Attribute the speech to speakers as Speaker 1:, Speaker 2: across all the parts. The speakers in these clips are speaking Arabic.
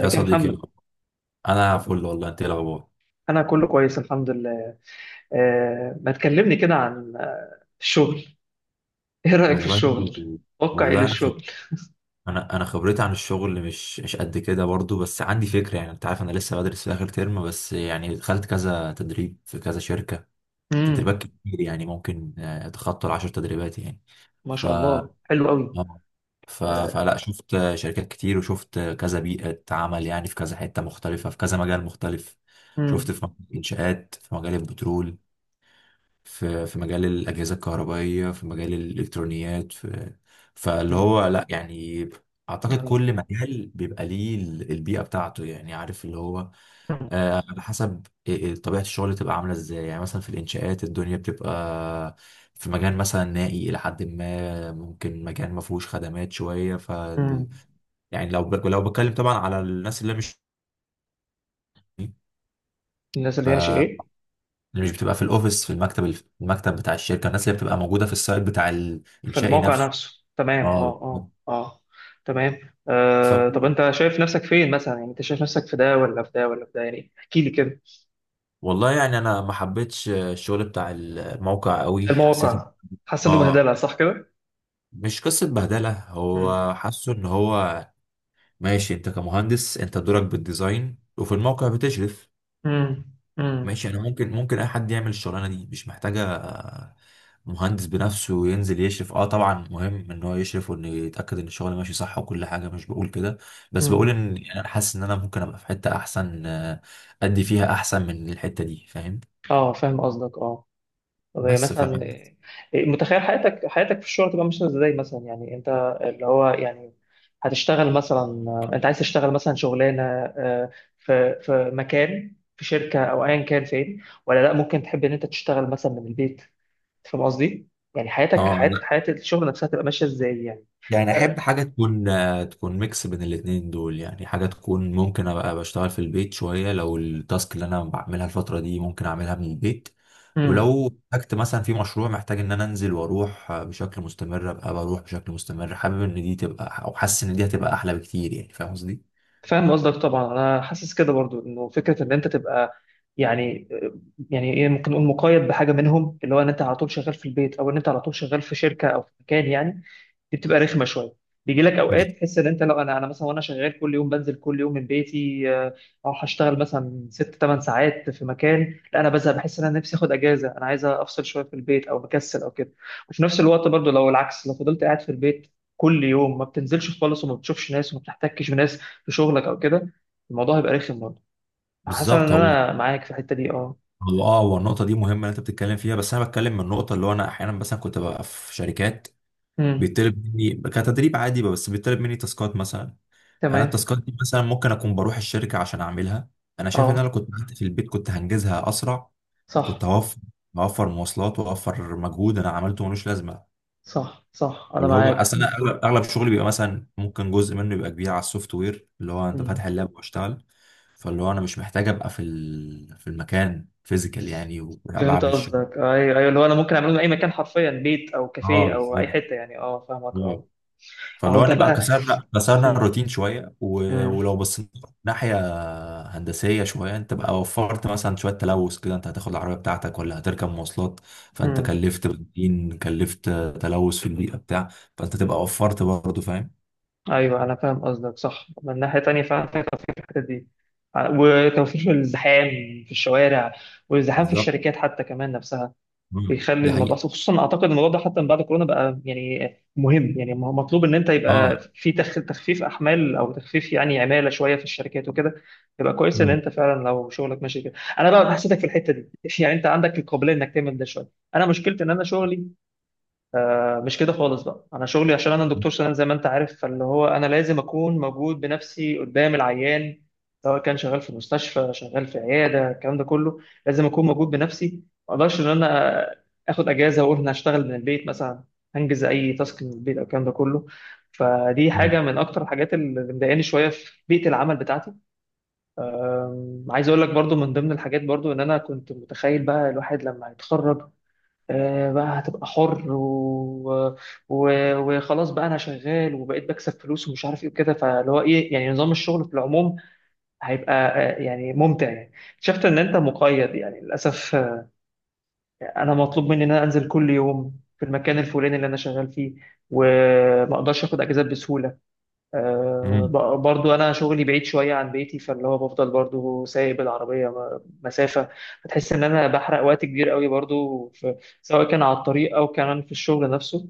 Speaker 1: يا
Speaker 2: يا
Speaker 1: صديقي،
Speaker 2: محمد؟
Speaker 1: انا فل والله. انت إيه الاخبار؟
Speaker 2: انا كله كويس، الحمد لله. ما تكلمني كده عن الشغل. ايه رأيك في
Speaker 1: والله.
Speaker 2: الشغل؟ واقع ايه
Speaker 1: والله
Speaker 2: للشغل؟
Speaker 1: انا خبرتي عن الشغل مش قد كده برضو، بس عندي فكره. يعني انت عارف انا لسه بدرس في اخر ترم، بس يعني دخلت كذا تدريب في كذا شركه،
Speaker 2: امم.
Speaker 1: تدريبات كتير. يعني ممكن اتخطى العشر تدريبات يعني.
Speaker 2: ما
Speaker 1: ف
Speaker 2: شاء
Speaker 1: آه.
Speaker 2: الله، حلو قوي. آه،
Speaker 1: فلا شفت شركات كتير، وشفت كذا بيئه عمل. يعني في كذا حته مختلفه، في كذا مجال مختلف. شفت
Speaker 2: امم،
Speaker 1: في مجال الانشاءات، في مجال البترول، في مجال الأجهزة الكهربائية، في مجال الإلكترونيات، في فاللي
Speaker 2: امم،
Speaker 1: هو لا يعني أعتقد
Speaker 2: يعني-
Speaker 1: كل مجال بيبقى ليه البيئة بتاعته. يعني عارف اللي هو،
Speaker 2: مم.
Speaker 1: على حسب إيه طبيعة الشغل تبقى عاملة إزاي. يعني مثلا في الإنشاءات الدنيا بتبقى في مجال مثلا نائي إلى حد ما، ممكن مكان ما فيهوش خدمات شوية. ف
Speaker 2: مم.
Speaker 1: يعني لو بتكلم طبعا على الناس اللي مش،
Speaker 2: الناس
Speaker 1: ف
Speaker 2: اللي هي مش ايه؟
Speaker 1: اللي مش بتبقى في الأوفيس، في المكتب، المكتب بتاع الشركة. الناس اللي بتبقى موجودة في السايت بتاع
Speaker 2: في
Speaker 1: الإنشائي
Speaker 2: الموقع
Speaker 1: نفسه.
Speaker 2: نفسه، تمام، اه،
Speaker 1: اه
Speaker 2: اه،
Speaker 1: بالظبط.
Speaker 2: اه. تمام،
Speaker 1: ف...
Speaker 2: آه. طب انت شايف نفسك فين مثلا؟ يعني انت شايف نفسك في ده ولا في ده ولا في ده؟ يعني احكي لي كده.
Speaker 1: والله يعني انا ما حبيتش الشغل بتاع الموقع قوي، حسيت
Speaker 2: المواقع؟ حاسس انه
Speaker 1: اه
Speaker 2: بهدله، صح كده؟
Speaker 1: مش قصة بهدلة،
Speaker 2: امم.
Speaker 1: هو حاسه ان هو ماشي. انت كمهندس انت دورك بالديزاين، وفي الموقع بتشرف
Speaker 2: امم. امم.
Speaker 1: ماشي. انا ممكن اي حد يعمل الشغلانة دي، مش محتاجة مهندس بنفسه ينزل يشرف. اه طبعا مهم ان هو يشرف، وانه يتأكد ان الشغل ماشي صح وكل حاجة. مش بقول كده، بس
Speaker 2: أمم.
Speaker 1: بقول ان يعني انا حاسس ان انا ممكن ابقى في حتة احسن، ادي فيها احسن من الحتة دي. فاهم؟
Speaker 2: اه، فاهم قصدك، اه. طب هي
Speaker 1: بس ف
Speaker 2: مثلا، متخيل حياتك في الشغل تبقى ماشيه ازاي مثلا؟ يعني انت، اللي هو يعني، هتشتغل مثلا، انت عايز تشتغل مثلا شغلانه في مكان، في شركه او ايا كان فين، ولا لا ممكن تحب ان انت تشتغل مثلا من البيت؟ فاهم قصدي؟ يعني حياتك،
Speaker 1: اه
Speaker 2: حياه
Speaker 1: أنا-
Speaker 2: حياه الشغل نفسها تبقى ماشيه ازاي يعني؟
Speaker 1: يعني احب
Speaker 2: آه،
Speaker 1: حاجه تكون تكون ميكس بين الاتنين دول. يعني حاجه تكون ممكن ابقى بشتغل في البيت شويه، لو التاسك اللي انا بعملها الفتره دي ممكن اعملها من البيت.
Speaker 2: مم.
Speaker 1: ولو احتجت مثلا في مشروع محتاج ان انا انزل واروح بشكل مستمر، ابقى بروح بشكل مستمر. حابب ان دي تبقى، او حاسس ان دي هتبقى احلى بكتير. يعني فاهم قصدي؟
Speaker 2: فاهم قصدك طبعا. انا حاسس كده برضو انه فكره ان انت تبقى يعني يعني ايه، ممكن نقول مقيد بحاجه منهم، اللي هو ان انت على طول شغال في البيت او ان انت على طول شغال في شركه او في مكان يعني. دي بتبقى رخمه شويه. بيجي لك اوقات
Speaker 1: بز-
Speaker 2: تحس ان انت، لو انا مثلا وانا شغال كل يوم بنزل كل يوم من بيتي، اروح اشتغل مثلا ست ثمان ساعات في مكان، لا انا بزهق، بحس ان انا نفسي اخد اجازه، انا عايز افصل شويه في البيت او مكسل او كده. وفي نفس الوقت برضو لو العكس، لو فضلت قاعد في البيت كل يوم، ما بتنزلش خالص وما بتشوفش ناس وما بتحتكش بناس في شغلك او كده، الموضوع هيبقى رخم برضه. حاسس ان
Speaker 1: بالظبط. هو
Speaker 2: انا معاك في الحته دي، اه.
Speaker 1: هو اه، هو النقطه دي مهمه اللي انت بتتكلم فيها، بس انا بتكلم من النقطه اللي هو انا احيانا مثلا كنت ببقى في شركات
Speaker 2: امم.
Speaker 1: بيطلب مني كتدريب عادي، بس بيطلب مني تاسكات مثلا. انا
Speaker 2: تمام،
Speaker 1: التاسكات دي مثلا ممكن اكون بروح الشركه عشان اعملها. انا شايف ان انا لو
Speaker 2: اه.
Speaker 1: كنت قعدت في البيت كنت هنجزها اسرع. وكنت
Speaker 2: صح،
Speaker 1: هوفر هوفر مواصلات واوفر مجهود انا عملته ملوش لازمه.
Speaker 2: صح، صح، انا
Speaker 1: اللي هو
Speaker 2: معاك.
Speaker 1: اصل انا اغلب شغلي بيبقى مثلا ممكن جزء منه يبقى كبير على السوفت وير، اللي هو انت
Speaker 2: مم.
Speaker 1: فاتح اللاب واشتغل. فاللي هو انا مش محتاج ابقى في في المكان فيزيكال يعني،
Speaker 2: فهمت
Speaker 1: وبعمل الشغل.
Speaker 2: قصدك، ايوه، ايوه. اللي هو انا ممكن اعمله من اي مكان حرفيا، بيت او
Speaker 1: اه
Speaker 2: كافيه او اي
Speaker 1: بالظبط.
Speaker 2: حته يعني. اه، فاهمك،
Speaker 1: آه.
Speaker 2: اه. اهو
Speaker 1: فاللي هو
Speaker 2: انت
Speaker 1: نبقى
Speaker 2: بقى.
Speaker 1: كسرنا
Speaker 2: مم.
Speaker 1: الروتين شويه،
Speaker 2: مم.
Speaker 1: ولو بصينا ناحيه هندسية شوية، انت بقى وفرت مثلا شوية تلوث كده. انت هتاخد العربية بتاعتك ولا هتركب مواصلات؟ فانت
Speaker 2: مم.
Speaker 1: كلفت بنزين، كلفت تلوث في البيئة بتاع. فانت تبقى وفرت برضه. فاهم؟
Speaker 2: ايوه انا فاهم قصدك، صح. من ناحيه تانيه فعلا في توفير في الحته دي، وتوفير في الزحام في الشوارع، والزحام في
Speaker 1: بالظبط.
Speaker 2: الشركات حتى كمان نفسها.
Speaker 1: مم،
Speaker 2: بيخلي
Speaker 1: دي
Speaker 2: الموضوع،
Speaker 1: حقيقة.
Speaker 2: أصل خصوصا اعتقد الموضوع ده حتى من بعد كورونا بقى يعني مهم، يعني مطلوب ان انت يبقى
Speaker 1: اه.
Speaker 2: في تخفيف احمال او تخفيف يعني عماله شويه في الشركات وكده. يبقى كويس ان
Speaker 1: مم.
Speaker 2: انت فعلا لو شغلك ماشي كده. انا بقى حسيتك في الحته دي يعني انت عندك القابليه انك تعمل ده شويه. انا مشكلتي ان انا شغلي مش كده خالص. بقى انا شغلي عشان انا دكتور سنان زي ما انت عارف، فاللي هو انا لازم اكون موجود بنفسي قدام العيان. سواء كان شغال في مستشفى، شغال في عياده، الكلام ده كله، لازم اكون موجود بنفسي. ما اقدرش ان انا اخد اجازه واقول انا هشتغل من البيت مثلا، هنجز اي تاسك من البيت او الكلام ده كله. فدي حاجه
Speaker 1: مم.
Speaker 2: من اكتر الحاجات اللي مضايقاني شويه في بيئه العمل بتاعتي. عايز اقول لك برضو من ضمن الحاجات برضو، ان انا كنت متخيل بقى الواحد لما هيتخرج، بقى هتبقى حر و... وخلاص، بقى انا شغال وبقيت بكسب فلوس ومش عارف ايه وكده، فاللي هو ايه يعني نظام الشغل في العموم هيبقى يعني ممتع يعني. شفت ان انت مقيد يعني للاسف. انا مطلوب مني ان انا انزل كل يوم في المكان الفلاني اللي انا شغال فيه، وما اقدرش اخد اجازات بسهوله.
Speaker 1: مم.
Speaker 2: برضو انا شغلي بعيد شويه عن بيتي، فاللي هو بفضل برضو سايق بالعربيه مسافه. بتحس ان انا بحرق وقت كبير قوي برضو في، سواء كان على الطريق او كمان في الشغل نفسه.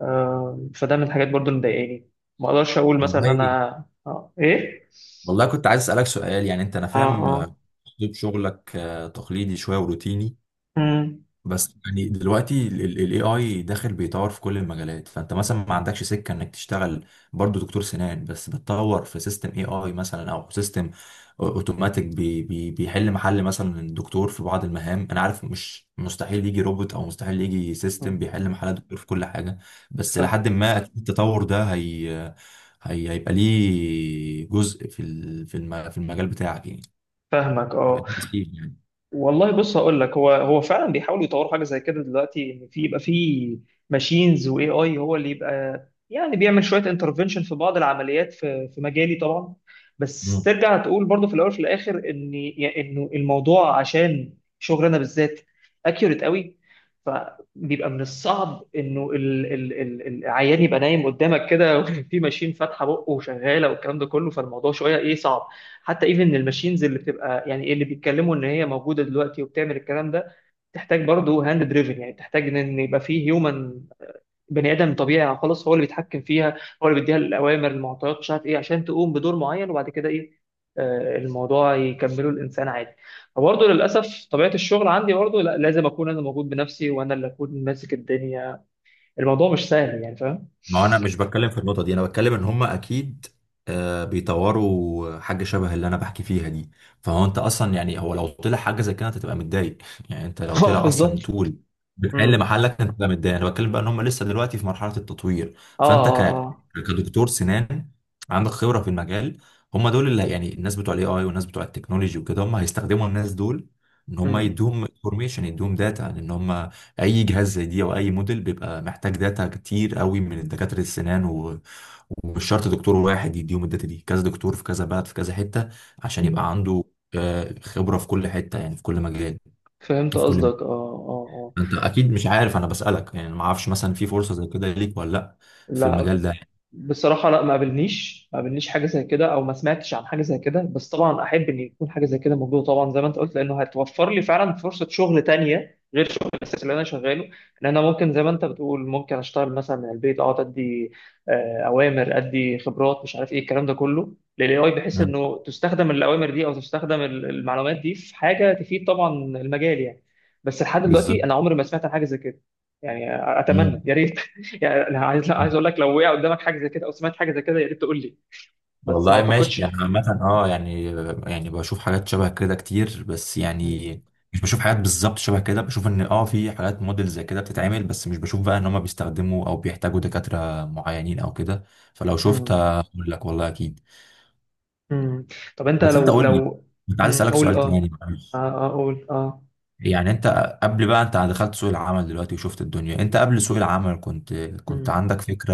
Speaker 2: فده من الحاجات برضو اللي مضايقاني. ما اقدرش اقول مثلا ان
Speaker 1: والله.
Speaker 2: انا ايه،
Speaker 1: والله كنت عايز اسألك سؤال. يعني انت، انا
Speaker 2: اه،
Speaker 1: فاهم
Speaker 2: اه.
Speaker 1: اسلوب شغلك تقليدي شوية وروتيني،
Speaker 2: مم.
Speaker 1: بس يعني دلوقتي الاي اي داخل بيطور في كل المجالات. فانت مثلا ما عندكش سكه انك تشتغل برضو دكتور سنان، بس بتطور في سيستم اي اي مثلا، او سيستم اوتوماتيك بي بيحل محل مثلا الدكتور في بعض المهام؟ انا عارف مش مستحيل يجي روبوت، او مستحيل يجي
Speaker 2: مم.
Speaker 1: سيستم بيحل محل الدكتور في كل حاجه، بس
Speaker 2: فاهم،
Speaker 1: لحد ما أكيد التطور ده هي هيبقى ليه جزء في في في المجال بتاعك يعني.
Speaker 2: فاهمك،
Speaker 1: هيبقى
Speaker 2: اه.
Speaker 1: ليه تأثير.
Speaker 2: والله بص هقول لك. هو فعلا بيحاولوا يطوروا حاجه زي كده دلوقتي، ان في يبقى في ماشينز واي اي هو اللي يبقى يعني بيعمل شويه انترفنشن في بعض العمليات، في مجالي طبعا. بس
Speaker 1: يعني
Speaker 2: ترجع تقول برضه في الاول وفي الاخر ان يعني انه الموضوع عشان شغلنا بالذات اكيوريت قوي. فبيبقى من الصعب انه العيان يبقى نايم قدامك كده في ماشين فاتحه بقه وشغاله والكلام ده كله، فالموضوع شويه ايه صعب. حتى ايفن الماشينز اللي بتبقى يعني اللي بيتكلموا ان هي موجوده دلوقتي وبتعمل الكلام ده، تحتاج برضه هاند دريفن، يعني تحتاج إن يبقى فيه هيومن، بني ادم طبيعي خلاص هو اللي بيتحكم فيها. هو اللي بيديها الاوامر، المعطيات، مش عارف ايه، عشان تقوم بدور معين، وبعد كده ايه؟ الموضوع يكمله الانسان عادي. فبرضه للاسف طبيعه الشغل عندي برضه، لا، لازم اكون انا موجود بنفسي وانا اللي اكون ماسك الدنيا. الموضوع مش سهل يعني، فاهم؟
Speaker 1: ما هو انا
Speaker 2: مش،
Speaker 1: مش بتكلم في النقطه دي، انا بتكلم ان هم اكيد بيطوروا حاجه شبه اللي انا بحكي فيها دي. فهو انت اصلا، يعني هو لو طلع حاجه زي كده انت تبقى متضايق يعني انت
Speaker 2: اه
Speaker 1: لو
Speaker 2: سهل
Speaker 1: طلع اصلا
Speaker 2: بالظبط.
Speaker 1: طول بتحل
Speaker 2: مم.
Speaker 1: محلك انت تبقى متضايق. انا بتكلم بقى ان هم لسه دلوقتي في مرحله التطوير.
Speaker 2: اه،
Speaker 1: فانت
Speaker 2: اه،
Speaker 1: ك...
Speaker 2: اه.
Speaker 1: كدكتور سنان عندك خبره في المجال. هم دول اللي يعني الناس بتوع الاي اي والناس بتوع التكنولوجي وكده، هم هيستخدموا الناس دول ان هم يدوهم انفورميشن، يدوهم داتا. ان هم اي جهاز زي دي او اي موديل بيبقى محتاج داتا كتير قوي من دكاتره السنان، ومش شرط دكتور واحد يديهم الداتا دي، كذا دكتور في كذا بلد في كذا حته، عشان يبقى
Speaker 2: مم.
Speaker 1: عنده خبره في كل حته يعني، في كل مجال،
Speaker 2: فهمت
Speaker 1: في كل.
Speaker 2: قصدك، اه، اه، اه.
Speaker 1: انت اكيد مش عارف، انا بسالك يعني، ما اعرفش مثلا في فرصه زي كده ليك ولا لا، في
Speaker 2: لا،
Speaker 1: المجال ده؟
Speaker 2: بصراحة لا، ما قابلنيش حاجة زي كده أو ما سمعتش عن حاجة زي كده، بس طبعا أحب إن يكون حاجة زي كده موجودة طبعا، زي ما أنت قلت، لأنه هتوفر لي فعلا فرصة شغل تانية غير شغل الأساسي اللي أنا شغاله. إن أنا ممكن زي ما أنت بتقول، ممكن أشتغل مثلا من البيت، أقعد أدي أوامر، أدي خبرات، مش عارف إيه الكلام ده كله للاي اي، بحيث
Speaker 1: مم.
Speaker 2: إنه تستخدم الأوامر دي أو تستخدم المعلومات دي في حاجة تفيد طبعا المجال يعني. بس لحد
Speaker 1: بالظبط.
Speaker 2: دلوقتي أنا عمري ما سمعت عن حاجة زي كده يعني. أتمنى،
Speaker 1: مم.
Speaker 2: يا ريت. يعني أنا عايز، لا، عايز اقول لك، لو وقع قدامك حاجه زي كده او سمعت حاجه زي كده يا ريت تقول لي. بس ما
Speaker 1: والله ماشي. انا
Speaker 2: اعتقدش.
Speaker 1: عامة اه، يعني يعني بشوف حاجات شبه كده كتير، بس
Speaker 2: مم.
Speaker 1: يعني مش بشوف حاجات بالظبط شبه كده. بشوف ان اه في حاجات موديل زي كده بتتعمل، بس مش بشوف بقى ان هم بيستخدموا او بيحتاجوا دكاترة معينين او كده. فلو شفت
Speaker 2: مم.
Speaker 1: هقول لك، والله اكيد.
Speaker 2: مم. طب انت
Speaker 1: بس انت
Speaker 2: لو
Speaker 1: قول لي،
Speaker 2: لو
Speaker 1: كنت عايز
Speaker 2: مم.
Speaker 1: اسالك
Speaker 2: قول،
Speaker 1: سؤال
Speaker 2: اه،
Speaker 1: تاني،
Speaker 2: اه،
Speaker 1: معلش.
Speaker 2: اقول، اه.
Speaker 1: يعني انت قبل بقى، انت دخلت سوق العمل دلوقتي وشفت الدنيا، انت قبل سوق العمل كنت
Speaker 2: مم.
Speaker 1: عندك فكرة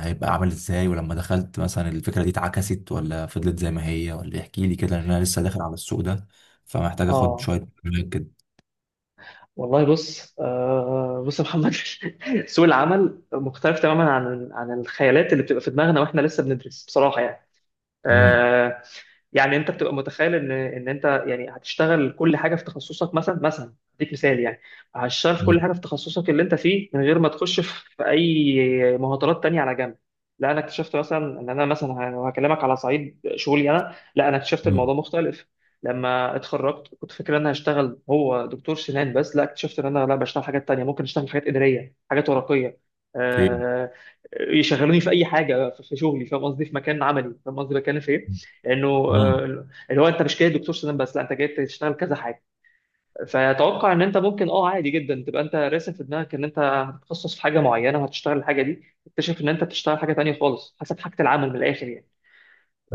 Speaker 1: هيبقى عامل ازاي؟ ولما دخلت، مثلا الفكرة دي اتعكست، ولا فضلت زي ما هي؟ ولا احكي لي كده، لان انا لسه داخل على السوق ده، فمحتاج اخد
Speaker 2: اه.
Speaker 1: شوية معلومات كده.
Speaker 2: والله بص، بص يا محمد. سوق العمل مختلف تماما عن الخيالات اللي بتبقى في دماغنا واحنا لسه بندرس، بصراحه يعني.
Speaker 1: امم.
Speaker 2: آه، يعني انت بتبقى متخيل ان انت يعني هتشتغل كل حاجه في تخصصك مثلا اديك مثال يعني. هتشتغل في كل
Speaker 1: امم.
Speaker 2: حاجه في تخصصك اللي انت فيه، من غير ما تخش في اي مهارات تانية على جنب. لا انا اكتشفت مثلا ان انا مثلا لو هكلمك على صعيد شغلي، انا لا، انا اكتشفت
Speaker 1: امم.
Speaker 2: الموضوع مختلف. لما اتخرجت كنت فاكر ان انا هشتغل هو دكتور سنان بس. لا، اكتشفت ان انا لا، بشتغل حاجات تانية، ممكن اشتغل حاجات اداريه، حاجات ورقيه.
Speaker 1: اوكي.
Speaker 2: آه، يشغلوني في اي حاجه في شغلي، فاهم قصدي؟ في مكان عملي، فاهم قصدي بتكلم في ايه؟ لانه
Speaker 1: امم.
Speaker 2: اللي هو انت مش جاي دكتور سنان بس، لا انت جاي تشتغل كذا حاجه. فاتوقع ان انت ممكن اه عادي جدا تبقى انت راسم في دماغك ان انت هتتخصص في حاجه معينه وهتشتغل الحاجه دي، تكتشف ان انت بتشتغل حاجه تانيه خالص، حسب حاجه العمل من الاخر يعني.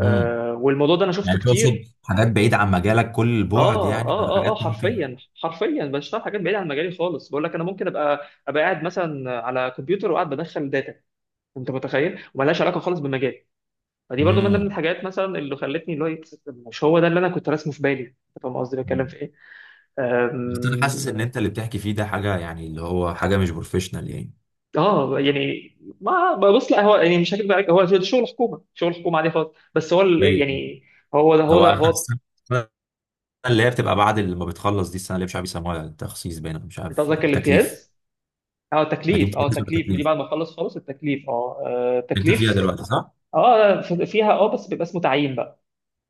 Speaker 1: امم.
Speaker 2: والموضوع ده انا شفته
Speaker 1: يعني تقصد
Speaker 2: كتير.
Speaker 1: حاجات بعيدة عن مجالك كل البعد
Speaker 2: اه،
Speaker 1: يعني؟
Speaker 2: اه، اه، اه،
Speaker 1: حاجات ممكن.
Speaker 2: حرفيا، حرفيا بشتغل حاجات بعيده عن مجالي خالص. بقول لك انا ممكن ابقى قاعد مثلا على كمبيوتر وقاعد بدخل داتا، انت متخيل، وملهاش علاقه خالص بالمجال. فدي برضو من ضمن
Speaker 1: امم.
Speaker 2: الحاجات مثلا اللي خلتني، اللي هو إيه، مش هو ده اللي انا كنت راسمه في بالي، انت فاهم قصدي بتكلم في ايه؟
Speaker 1: بس انا حاسس
Speaker 2: أم،
Speaker 1: ان انت اللي بتحكي فيه ده حاجة يعني، اللي هو حاجة مش بروفيشنال يعني.
Speaker 2: اه يعني، ما بص، لا هو يعني، مش هكذب عليك، هو ده شغل حكومه، شغل حكومه عادي خالص، بس هو
Speaker 1: ايه
Speaker 2: يعني، هو ده
Speaker 1: هو
Speaker 2: هو.
Speaker 1: اللي هي بتبقى بعد اللي ما بتخلص دي، السنه اللي مش عارف يسموها تخصيص باين، أو مش
Speaker 2: انت
Speaker 1: عارف
Speaker 2: قصدك
Speaker 1: تكليف.
Speaker 2: الامتياز؟ اه
Speaker 1: ما دي
Speaker 2: التكليف، اه
Speaker 1: امتياز ولا
Speaker 2: التكليف دي
Speaker 1: تكليف؟
Speaker 2: بعد ما اخلص خالص. التكليف، اه،
Speaker 1: انت فيها
Speaker 2: التكليف.
Speaker 1: دلوقتي صح؟
Speaker 2: اه، فيها، اه، بس بيبقى اسمه تعيين بقى.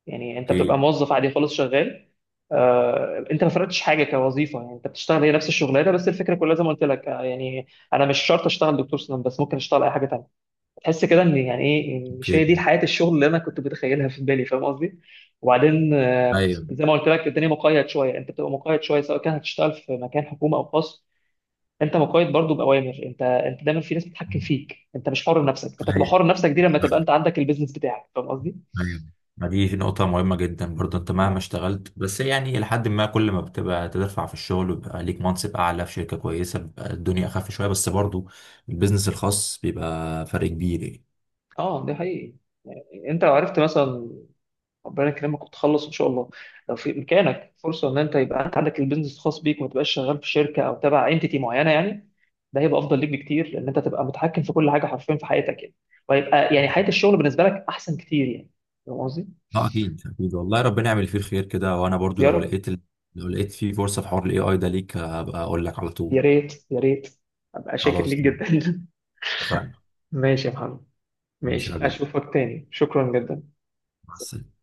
Speaker 2: يعني انت بتبقى
Speaker 1: اوكي.
Speaker 2: موظف عادي خالص شغال. انت ما فرقتش حاجه كوظيفه، يعني انت بتشتغل هي نفس الشغلانه، بس الفكره كلها زي ما قلت لك، يعني، انا مش شرط اشتغل دكتور سنان بس، ممكن اشتغل اي حاجه تانيه. تحس كده ان يعني ايه، إن مش هي
Speaker 1: اوكي.
Speaker 2: دي حياه الشغل اللي انا كنت متخيلها في بالي، فاهم قصدي؟ وبعدين
Speaker 1: ايوه
Speaker 2: زي ما قلت لك، الدنيا مقيد شويه، انت بتبقى مقيد شويه سواء كان هتشتغل في مكان حكومه او خاص. انت مقيد برضو باوامر، انت دايما في ناس بتتحكم فيك، انت مش حر نفسك. انت تبقى
Speaker 1: ايوه
Speaker 2: حر نفسك دي لما تبقى انت عندك البيزنس بتاعك، فاهم قصدي.
Speaker 1: ايوه ما دي نقطة مهمة جدا برضه. انت مهما
Speaker 2: اه،
Speaker 1: اشتغلت، بس يعني لحد ما كل ما بتبقى تدفع في الشغل ويبقى ليك منصب اعلى في شركة كويسة بيبقى الدنيا اخف شوية، بس برضه البيزنس الخاص بيبقى فرق كبير يعني.
Speaker 2: اه، ده حقيقي. انت لو عرفت مثلا، ربنا يكرمك وتخلص ان شاء الله، لو في امكانك فرصه ان انت يبقى انت عندك البيزنس الخاص بيك وما تبقاش شغال في شركه او تبع انتيتي معينه يعني، ده هيبقى افضل ليك بكتير، لان انت تبقى متحكم في كل حاجه حرفيا في حياتك يعني. وهيبقى يعني حياه الشغل بالنسبه لك احسن كتير يعني. فاهم قصدي؟
Speaker 1: اه اكيد اكيد، والله ربنا يعمل فيه الخير كده. وانا برضو
Speaker 2: يا
Speaker 1: لو
Speaker 2: رب.
Speaker 1: لقيت لو لقيت فيه فرصة في حوار الاي اي ده ليك هبقى اقول لك على
Speaker 2: يا
Speaker 1: طول.
Speaker 2: ريت، يا ريت، ابقى شاكر ليك
Speaker 1: خلاص،
Speaker 2: جدا.
Speaker 1: اتفقنا.
Speaker 2: ماشي يا محمد،
Speaker 1: ماشي يا
Speaker 2: ماشي،
Speaker 1: حبيبي،
Speaker 2: اشوفك تاني، شكرا جدا.
Speaker 1: مع السلامة.